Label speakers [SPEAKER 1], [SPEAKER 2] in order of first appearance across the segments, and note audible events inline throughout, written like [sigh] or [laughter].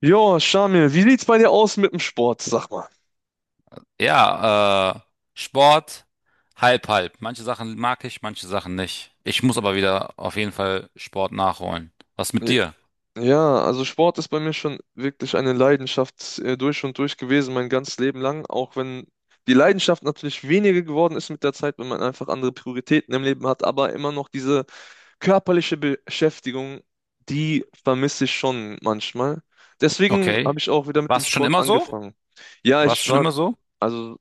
[SPEAKER 1] Jo, Shamil, wie sieht's bei dir aus mit dem Sport, sag mal?
[SPEAKER 2] Ja, Sport, halb, halb. Manche Sachen mag ich, manche Sachen nicht. Ich muss aber wieder auf jeden Fall Sport nachholen. Was mit
[SPEAKER 1] J-
[SPEAKER 2] dir?
[SPEAKER 1] Ja, also Sport ist bei mir schon wirklich eine Leidenschaft durch und durch gewesen, mein ganzes Leben lang, auch wenn die Leidenschaft natürlich weniger geworden ist mit der Zeit, wenn man einfach andere Prioritäten im Leben hat, aber immer noch diese körperliche Beschäftigung, die vermisse ich schon manchmal. Deswegen habe
[SPEAKER 2] Okay.
[SPEAKER 1] ich auch wieder mit dem
[SPEAKER 2] Warst du schon
[SPEAKER 1] Sport
[SPEAKER 2] immer so?
[SPEAKER 1] angefangen. Ja,
[SPEAKER 2] Warst
[SPEAKER 1] ich
[SPEAKER 2] du schon
[SPEAKER 1] war.
[SPEAKER 2] immer so?
[SPEAKER 1] Also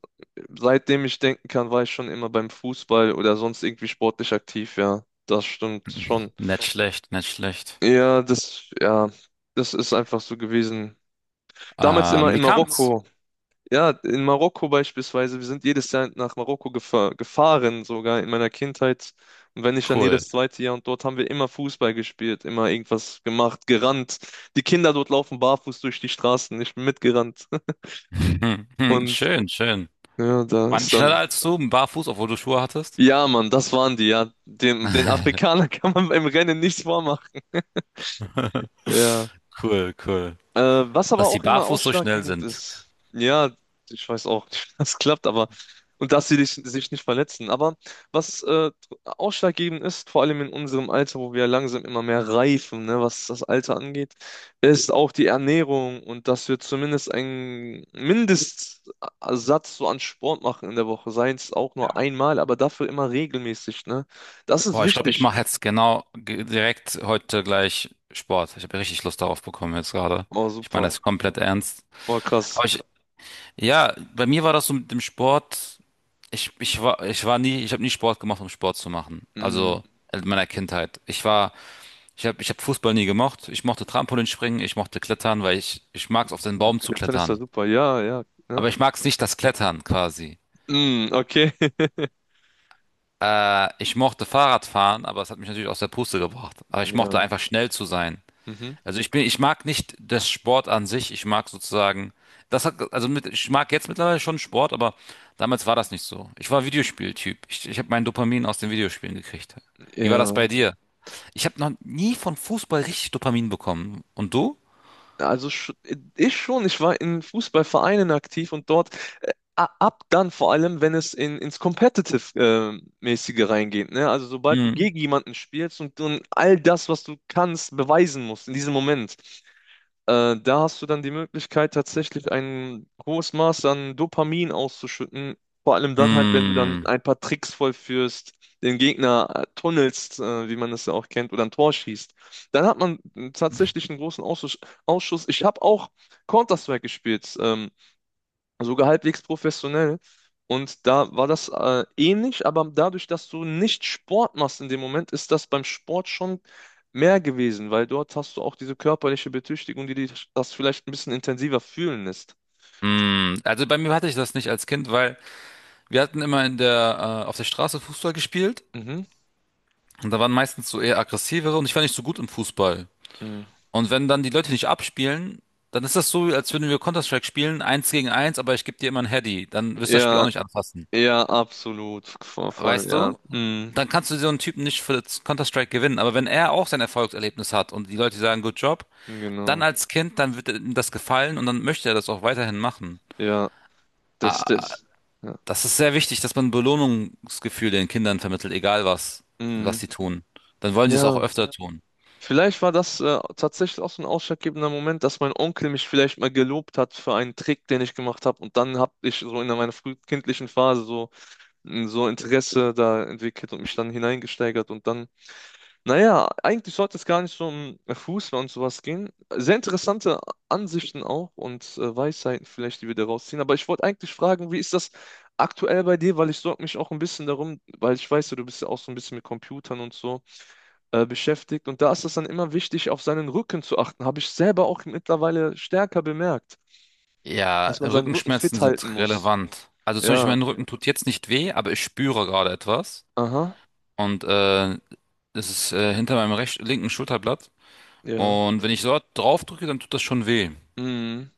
[SPEAKER 1] seitdem ich denken kann, war ich schon immer beim Fußball oder sonst irgendwie sportlich aktiv, ja. Das stimmt schon.
[SPEAKER 2] [laughs] Nicht schlecht, nicht schlecht.
[SPEAKER 1] Ja, das ist einfach so gewesen. Damals immer
[SPEAKER 2] Wie
[SPEAKER 1] in
[SPEAKER 2] kam's?
[SPEAKER 1] Marokko. Ja, in Marokko beispielsweise. Wir sind jedes Jahr nach Marokko gefahren, sogar in meiner Kindheit. Und wenn nicht, dann
[SPEAKER 2] Cool.
[SPEAKER 1] jedes zweite Jahr. Und dort haben wir immer Fußball gespielt, immer irgendwas gemacht, gerannt. Die Kinder dort laufen barfuß durch die Straßen. Ich bin mitgerannt.
[SPEAKER 2] [laughs] Hm,
[SPEAKER 1] [laughs]
[SPEAKER 2] hm,
[SPEAKER 1] Und
[SPEAKER 2] schön, schön.
[SPEAKER 1] ja, da
[SPEAKER 2] War die
[SPEAKER 1] ist
[SPEAKER 2] schneller
[SPEAKER 1] dann.
[SPEAKER 2] als du, barfuß, obwohl du Schuhe hattest?
[SPEAKER 1] Ja, Mann, das waren die, ja. Dem, den Afrikanern [laughs] kann man beim Rennen nichts vormachen.
[SPEAKER 2] [laughs]
[SPEAKER 1] Ja.
[SPEAKER 2] Cool, cool.
[SPEAKER 1] Was aber
[SPEAKER 2] Dass die
[SPEAKER 1] auch immer
[SPEAKER 2] barfuß so schnell
[SPEAKER 1] ausschlaggebend
[SPEAKER 2] sind.
[SPEAKER 1] ist. Ja, ich weiß auch nicht, [laughs] wie das klappt, aber. Und dass sie dich, sich nicht verletzen. Aber was ausschlaggebend ist, vor allem in unserem Alter, wo wir langsam immer mehr reifen, ne, was das Alter angeht, ist auch die Ernährung und dass wir zumindest einen Mindestsatz so an Sport machen in der Woche. Sei es auch nur einmal, aber dafür immer regelmäßig, ne? Das ist
[SPEAKER 2] Boah, ich glaube, ich
[SPEAKER 1] wichtig.
[SPEAKER 2] mache jetzt direkt heute gleich Sport. Ich habe richtig Lust darauf bekommen jetzt gerade.
[SPEAKER 1] Oh,
[SPEAKER 2] Ich meine
[SPEAKER 1] super.
[SPEAKER 2] das komplett ernst.
[SPEAKER 1] Oh, krass.
[SPEAKER 2] Aber ja, bei mir war das so mit dem Sport. Ich habe nie Sport gemacht, um Sport zu machen.
[SPEAKER 1] Mhm.
[SPEAKER 2] Also in meiner Kindheit. Ich habe Fußball nie gemocht. Ich mochte Trampolinspringen, ich mochte Klettern, weil ich mag es auf den
[SPEAKER 1] Ja,
[SPEAKER 2] Baum zu
[SPEAKER 1] Klettern ist ja
[SPEAKER 2] klettern.
[SPEAKER 1] super. Ja, ja. Ja.
[SPEAKER 2] Aber ich mag es nicht, das Klettern quasi.
[SPEAKER 1] Mhm, okay. [laughs]
[SPEAKER 2] Ich mochte Fahrradfahren, aber es hat mich natürlich aus der Puste gebracht. Aber ich mochte
[SPEAKER 1] Ja.
[SPEAKER 2] einfach schnell zu sein.
[SPEAKER 1] Mhm.
[SPEAKER 2] Also ich mag nicht das Sport an sich. Ich mag sozusagen, das hat, also mit, ich mag jetzt mittlerweile schon Sport, aber damals war das nicht so. Ich war Videospieltyp. Ich habe mein Dopamin aus den Videospielen gekriegt. Wie war das bei
[SPEAKER 1] Ja.
[SPEAKER 2] dir? Ich habe noch nie von Fußball richtig Dopamin bekommen. Und du?
[SPEAKER 1] Also sch, ich schon, ich war in Fußballvereinen aktiv und dort ab dann vor allem, wenn es in, ins Competitive-mäßige reingeht, ne? Also sobald du
[SPEAKER 2] Hm.
[SPEAKER 1] gegen jemanden spielst und all das, was du kannst, beweisen musst in diesem Moment. Da hast du dann die Möglichkeit, tatsächlich ein hohes Maß an Dopamin auszuschütten. Vor allem dann halt, wenn du dann
[SPEAKER 2] Hm.
[SPEAKER 1] ein paar Tricks vollführst, den Gegner tunnelst, wie man es ja auch kennt, oder ein Tor schießt. Dann hat man tatsächlich einen großen Ausschuss. Ausschuss. Ich habe auch Counter-Strike gespielt. Sogar halbwegs professionell. Und da war das ähnlich, aber dadurch, dass du nicht Sport machst in dem Moment, ist das beim Sport schon mehr gewesen, weil dort hast du auch diese körperliche Betüchtigung, die dich das vielleicht ein bisschen intensiver fühlen lässt.
[SPEAKER 2] Hm. Also bei mir hatte ich das nicht als Kind, weil wir hatten immer auf der Straße Fußball gespielt.
[SPEAKER 1] Mhm.
[SPEAKER 2] Und da waren meistens so eher aggressivere und ich war nicht so gut im Fußball.
[SPEAKER 1] Mhm.
[SPEAKER 2] Und wenn dann die Leute nicht abspielen, dann ist das so, als würden wir Counter-Strike spielen, eins gegen eins, aber ich gebe dir immer ein Heady. Dann wirst du das Spiel auch
[SPEAKER 1] Ja,
[SPEAKER 2] nicht anfassen.
[SPEAKER 1] ja, absolut. Voll, voll,
[SPEAKER 2] Weißt
[SPEAKER 1] ja.
[SPEAKER 2] du?
[SPEAKER 1] Mhm.
[SPEAKER 2] Dann kannst du so einen Typen nicht für das Counter-Strike gewinnen. Aber wenn er auch sein Erfolgserlebnis hat und die Leute sagen, good job, dann
[SPEAKER 1] Genau.
[SPEAKER 2] als Kind, dann wird ihm das gefallen und dann möchte er das auch weiterhin machen.
[SPEAKER 1] Ja, das, das. Ja.
[SPEAKER 2] Das ist sehr wichtig, dass man Belohnungsgefühl den Kindern vermittelt, egal was, was
[SPEAKER 1] Mhm.
[SPEAKER 2] sie tun. Dann wollen sie es auch
[SPEAKER 1] Ja.
[SPEAKER 2] öfter tun.
[SPEAKER 1] Vielleicht war das tatsächlich auch so ein ausschlaggebender Moment, dass mein Onkel mich vielleicht mal gelobt hat für einen Trick, den ich gemacht habe. Und dann habe ich so in meiner frühkindlichen Phase so, so Interesse da entwickelt und mich dann hineingesteigert. Und dann, naja, eigentlich sollte es gar nicht so um Fußball und sowas gehen. Sehr interessante Ansichten auch und Weisheiten vielleicht, die wir da rausziehen. Aber ich wollte eigentlich fragen, wie ist das aktuell bei dir? Weil ich sorge mich auch ein bisschen darum, weil ich weiß, ja, du bist ja auch so ein bisschen mit Computern und so beschäftigt. Und da ist es dann immer wichtig, auf seinen Rücken zu achten. Habe ich selber auch mittlerweile stärker bemerkt,
[SPEAKER 2] Ja,
[SPEAKER 1] dass man seinen Rücken
[SPEAKER 2] Rückenschmerzen
[SPEAKER 1] fit halten
[SPEAKER 2] sind
[SPEAKER 1] muss.
[SPEAKER 2] relevant. Also zum Beispiel
[SPEAKER 1] Ja,
[SPEAKER 2] mein Rücken tut jetzt nicht weh, aber ich spüre gerade etwas.
[SPEAKER 1] aha,
[SPEAKER 2] Und es ist hinter meinem linken Schulterblatt.
[SPEAKER 1] ja.
[SPEAKER 2] Und wenn ich dort drauf drücke, dann tut das schon weh.
[SPEAKER 1] Mhm.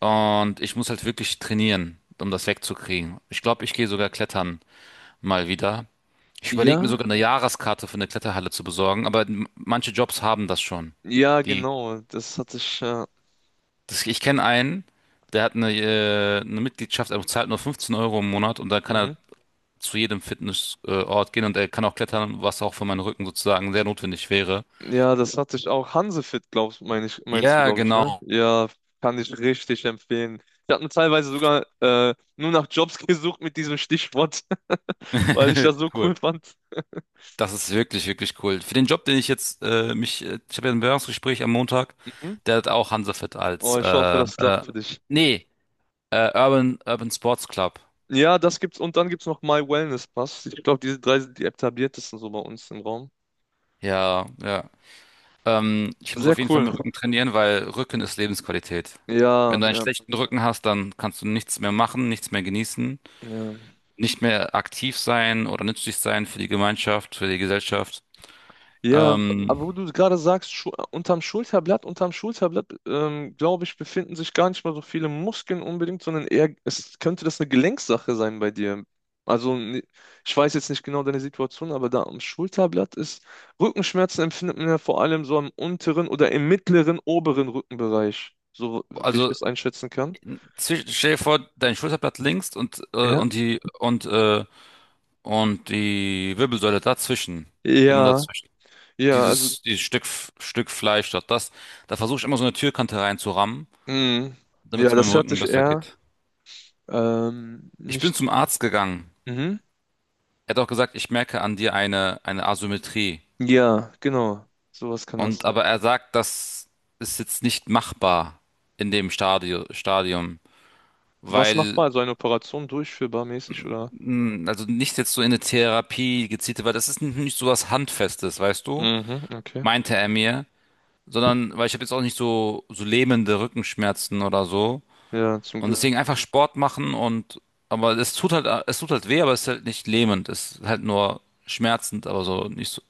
[SPEAKER 2] Und ich muss halt wirklich trainieren, um das wegzukriegen. Ich glaube, ich gehe sogar klettern mal wieder. Ich überlege mir
[SPEAKER 1] Ja,
[SPEAKER 2] sogar eine Jahreskarte für eine Kletterhalle zu besorgen, aber manche Jobs haben das schon.
[SPEAKER 1] ja,
[SPEAKER 2] Die,
[SPEAKER 1] genau. Das hatte ich.
[SPEAKER 2] Ich kenne einen, der hat eine Mitgliedschaft, er zahlt nur 15 € im Monat und da kann er
[SPEAKER 1] Mhm.
[SPEAKER 2] zu jedem Fitnessort gehen und er kann auch klettern, was auch für meinen Rücken sozusagen sehr notwendig wäre.
[SPEAKER 1] Ja, das hatte ich auch. Hansefit, meinst du,
[SPEAKER 2] Ja,
[SPEAKER 1] glaube ich, ne?
[SPEAKER 2] genau.
[SPEAKER 1] Ja, kann ich richtig empfehlen. Ich habe mir teilweise sogar nur nach Jobs [laughs] gesucht mit diesem Stichwort, [laughs] weil ich das
[SPEAKER 2] [laughs]
[SPEAKER 1] so
[SPEAKER 2] Cool.
[SPEAKER 1] cool fand.
[SPEAKER 2] Das ist wirklich, wirklich cool. Für den Job, den ich jetzt mich, ich habe ja ein Bewerbungsgespräch am Montag,
[SPEAKER 1] Mhm.
[SPEAKER 2] der hat auch Hansafit als
[SPEAKER 1] Oh, ich hoffe, das
[SPEAKER 2] äh,
[SPEAKER 1] klappt für dich.
[SPEAKER 2] nee, Urban Sports Club.
[SPEAKER 1] Ja, das gibt's und dann gibt's noch My Wellness Pass. Ich glaube, diese drei sind die etabliertesten so bei uns im Raum.
[SPEAKER 2] Ja, ja. Ich muss
[SPEAKER 1] Sehr
[SPEAKER 2] auf jeden Fall
[SPEAKER 1] cool.
[SPEAKER 2] meinen Rücken trainieren, weil Rücken ist Lebensqualität.
[SPEAKER 1] Ja,
[SPEAKER 2] Wenn du einen
[SPEAKER 1] ja,
[SPEAKER 2] schlechten Rücken hast, dann kannst du nichts mehr machen, nichts mehr genießen,
[SPEAKER 1] ja.
[SPEAKER 2] nicht mehr aktiv sein oder nützlich sein für die Gemeinschaft, für die Gesellschaft.
[SPEAKER 1] Ja, aber
[SPEAKER 2] Ähm,
[SPEAKER 1] wo du gerade sagst, Schu unterm Schulterblatt, glaube ich, befinden sich gar nicht mal so viele Muskeln unbedingt, sondern eher, es könnte das eine Gelenksache sein bei dir. Also, ich weiß jetzt nicht genau deine Situation, aber da am Schulterblatt ist, Rückenschmerzen empfindet man ja vor allem so am unteren oder im mittleren, oberen Rückenbereich, so wie ich
[SPEAKER 2] also
[SPEAKER 1] das einschätzen kann.
[SPEAKER 2] Stell dir vor, dein Schulterblatt links und
[SPEAKER 1] Ja.
[SPEAKER 2] und die Wirbelsäule dazwischen, genau
[SPEAKER 1] Ja,
[SPEAKER 2] dazwischen.
[SPEAKER 1] ja, also,
[SPEAKER 2] Dieses Stück Fleisch dort, da versuche ich immer so eine Türkante reinzurammen,
[SPEAKER 1] mh,
[SPEAKER 2] damit
[SPEAKER 1] ja,
[SPEAKER 2] es meinem
[SPEAKER 1] das hört
[SPEAKER 2] Rücken
[SPEAKER 1] sich
[SPEAKER 2] besser
[SPEAKER 1] eher
[SPEAKER 2] geht. Ich bin
[SPEAKER 1] nicht.
[SPEAKER 2] zum Arzt gegangen.
[SPEAKER 1] Mhm.
[SPEAKER 2] Er hat auch gesagt, ich merke an dir eine Asymmetrie.
[SPEAKER 1] Ja, genau. Sowas kann das
[SPEAKER 2] Und
[SPEAKER 1] sein.
[SPEAKER 2] aber er sagt, das ist jetzt nicht machbar in dem Stadio Stadium,
[SPEAKER 1] Was
[SPEAKER 2] weil
[SPEAKER 1] machbar? Also eine Operation durchführbar mäßig oder?
[SPEAKER 2] mh, also nicht jetzt so in eine Therapie gezielte, weil das ist nicht so was Handfestes, weißt du?
[SPEAKER 1] Mhm, okay.
[SPEAKER 2] Meinte er mir, sondern weil ich habe jetzt auch nicht so so lähmende Rückenschmerzen oder so
[SPEAKER 1] Ja, zum
[SPEAKER 2] und
[SPEAKER 1] Glück.
[SPEAKER 2] deswegen einfach Sport machen und aber es tut halt weh, aber es ist halt nicht lähmend, es ist halt nur schmerzend, aber so nicht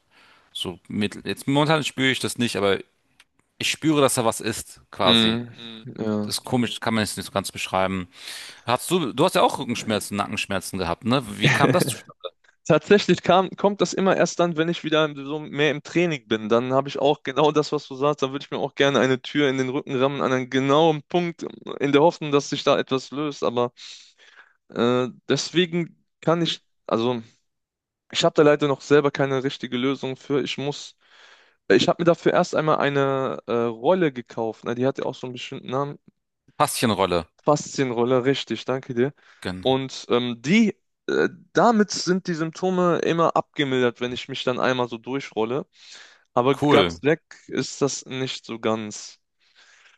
[SPEAKER 2] so mittel. Jetzt momentan spüre ich das nicht, aber ich spüre, dass da was ist, quasi.
[SPEAKER 1] Mhm, ja.
[SPEAKER 2] Das ist komisch, kann man jetzt nicht so ganz beschreiben. Du hast ja auch Rückenschmerzen, Nackenschmerzen gehabt, ne? Wie kam das zustande?
[SPEAKER 1] [laughs] Tatsächlich kommt das immer erst dann, wenn ich wieder so mehr im Training bin. Dann habe ich auch genau das, was du sagst. Dann würde ich mir auch gerne eine Tür in den Rücken rammen, an einen genauen Punkt, in der Hoffnung, dass sich da etwas löst. Aber deswegen kann ich, also ich habe da leider noch selber keine richtige Lösung für. Ich muss, ich habe mir dafür erst einmal eine Rolle gekauft. Na, die hat ja auch so einen bestimmten Namen.
[SPEAKER 2] Faszienrolle.
[SPEAKER 1] Faszienrolle, richtig, danke dir.
[SPEAKER 2] Gen-
[SPEAKER 1] Und die, äh, damit sind die Symptome immer abgemildert, wenn ich mich dann einmal so durchrolle. Aber ganz
[SPEAKER 2] Cool.
[SPEAKER 1] weg ist das nicht so ganz.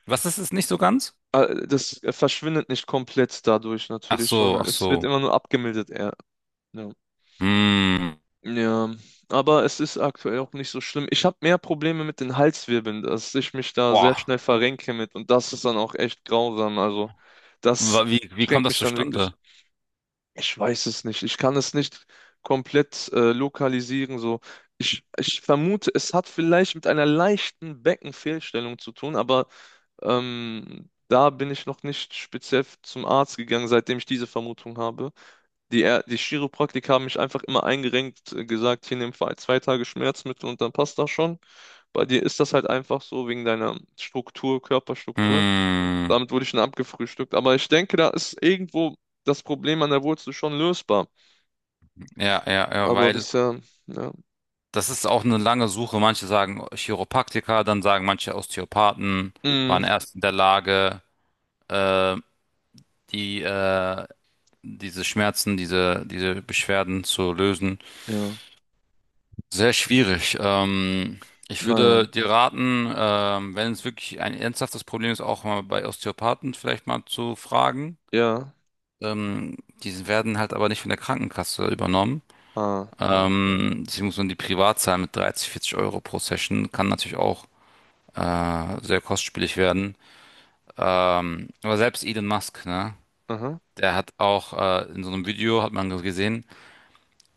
[SPEAKER 2] Was ist es nicht so ganz?
[SPEAKER 1] Das verschwindet nicht komplett dadurch
[SPEAKER 2] Ach
[SPEAKER 1] natürlich,
[SPEAKER 2] so,
[SPEAKER 1] sondern
[SPEAKER 2] ach
[SPEAKER 1] es wird
[SPEAKER 2] so.
[SPEAKER 1] immer nur abgemildert eher. Ja.
[SPEAKER 2] Hm.
[SPEAKER 1] Ja, aber es ist aktuell auch nicht so schlimm. Ich habe mehr Probleme mit den Halswirbeln, dass ich mich da sehr
[SPEAKER 2] Boah.
[SPEAKER 1] schnell verrenke mit und das ist dann auch echt grausam. Also das
[SPEAKER 2] Wie kommt
[SPEAKER 1] schränkt
[SPEAKER 2] das
[SPEAKER 1] mich dann wirklich.
[SPEAKER 2] zustande?
[SPEAKER 1] Ich weiß es nicht. Ich kann es nicht komplett lokalisieren. So, ich vermute, es hat vielleicht mit einer leichten Beckenfehlstellung zu tun, aber da bin ich noch nicht speziell zum Arzt gegangen, seitdem ich diese Vermutung habe. Die Chiropraktiker haben mich einfach immer eingerenkt, gesagt, hier nimm zwei Tage Schmerzmittel und dann passt das schon. Bei dir ist das halt einfach so wegen deiner Struktur, Körperstruktur.
[SPEAKER 2] Hm.
[SPEAKER 1] Damit wurde ich dann abgefrühstückt. Aber ich denke, da ist irgendwo das Problem an der Wurzel schon lösbar.
[SPEAKER 2] Ja, ja, ja,
[SPEAKER 1] Aber
[SPEAKER 2] weil
[SPEAKER 1] bisher, ja.
[SPEAKER 2] das ist auch eine lange Suche. Manche sagen Chiropraktiker, dann sagen manche Osteopathen
[SPEAKER 1] Mm,
[SPEAKER 2] waren erst in der Lage, äh, die, äh, diese Beschwerden zu lösen.
[SPEAKER 1] ja,
[SPEAKER 2] Sehr schwierig. Ich
[SPEAKER 1] naja.
[SPEAKER 2] würde dir raten, wenn es wirklich ein ernsthaftes Problem ist, auch mal bei Osteopathen vielleicht mal zu fragen.
[SPEAKER 1] Ja.
[SPEAKER 2] Ähm, Die werden halt aber nicht von der Krankenkasse übernommen.
[SPEAKER 1] Ah, ja, okay.
[SPEAKER 2] Deswegen muss man die privat zahlen mit 30, 40 € pro Session. Kann natürlich auch sehr kostspielig werden. Aber selbst Elon Musk, ne?
[SPEAKER 1] Aha.
[SPEAKER 2] Der hat auch in so einem Video, hat man gesehen,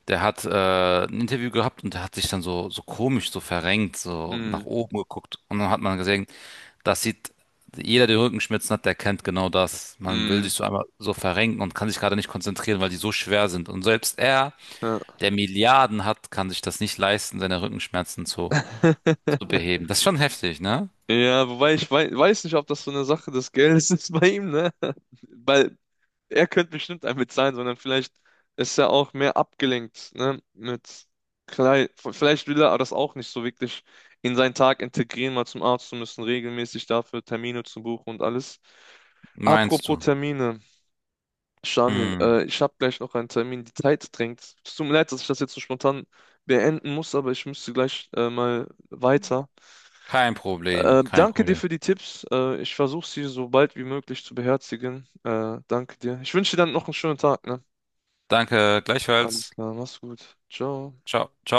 [SPEAKER 2] der hat ein Interview gehabt und der hat sich dann so, so komisch, so verrenkt, so
[SPEAKER 1] Mm,
[SPEAKER 2] nach oben geguckt. Und dann hat man gesehen, das sieht, jeder, der Rückenschmerzen hat, der kennt genau das. Man will sich
[SPEAKER 1] mm,
[SPEAKER 2] so einmal so verrenken und kann sich gerade nicht konzentrieren, weil die so schwer sind. Und selbst er,
[SPEAKER 1] ja.
[SPEAKER 2] der Milliarden hat, kann sich das nicht leisten, seine zu
[SPEAKER 1] [laughs]
[SPEAKER 2] beheben. Das ist schon heftig, ne?
[SPEAKER 1] Ja, wobei ich weiß nicht, ob das so eine Sache des Geldes [laughs] ist bei ihm, ne? [laughs] Weil er könnte bestimmt ein mit sein, sondern vielleicht ist er auch mehr abgelenkt, ne? Mit vielleicht will er das auch nicht so wirklich in seinen Tag integrieren, mal zum Arzt zu müssen, regelmäßig dafür Termine zu buchen und alles.
[SPEAKER 2] Meinst
[SPEAKER 1] Apropos
[SPEAKER 2] du?
[SPEAKER 1] Termine, Shamil,
[SPEAKER 2] Hm,
[SPEAKER 1] ich habe gleich noch einen Termin, die Zeit drängt. Es tut mir leid, dass ich das jetzt so spontan beenden muss, aber ich müsste gleich mal weiter.
[SPEAKER 2] kein Problem, kein
[SPEAKER 1] Danke dir
[SPEAKER 2] Problem.
[SPEAKER 1] für die Tipps. Ich versuche sie so bald wie möglich zu beherzigen. Danke dir. Ich wünsche dir dann noch einen schönen Tag, ne?
[SPEAKER 2] Danke,
[SPEAKER 1] Alles
[SPEAKER 2] gleichfalls.
[SPEAKER 1] klar, mach's gut. Ciao.
[SPEAKER 2] Ciao, ciao.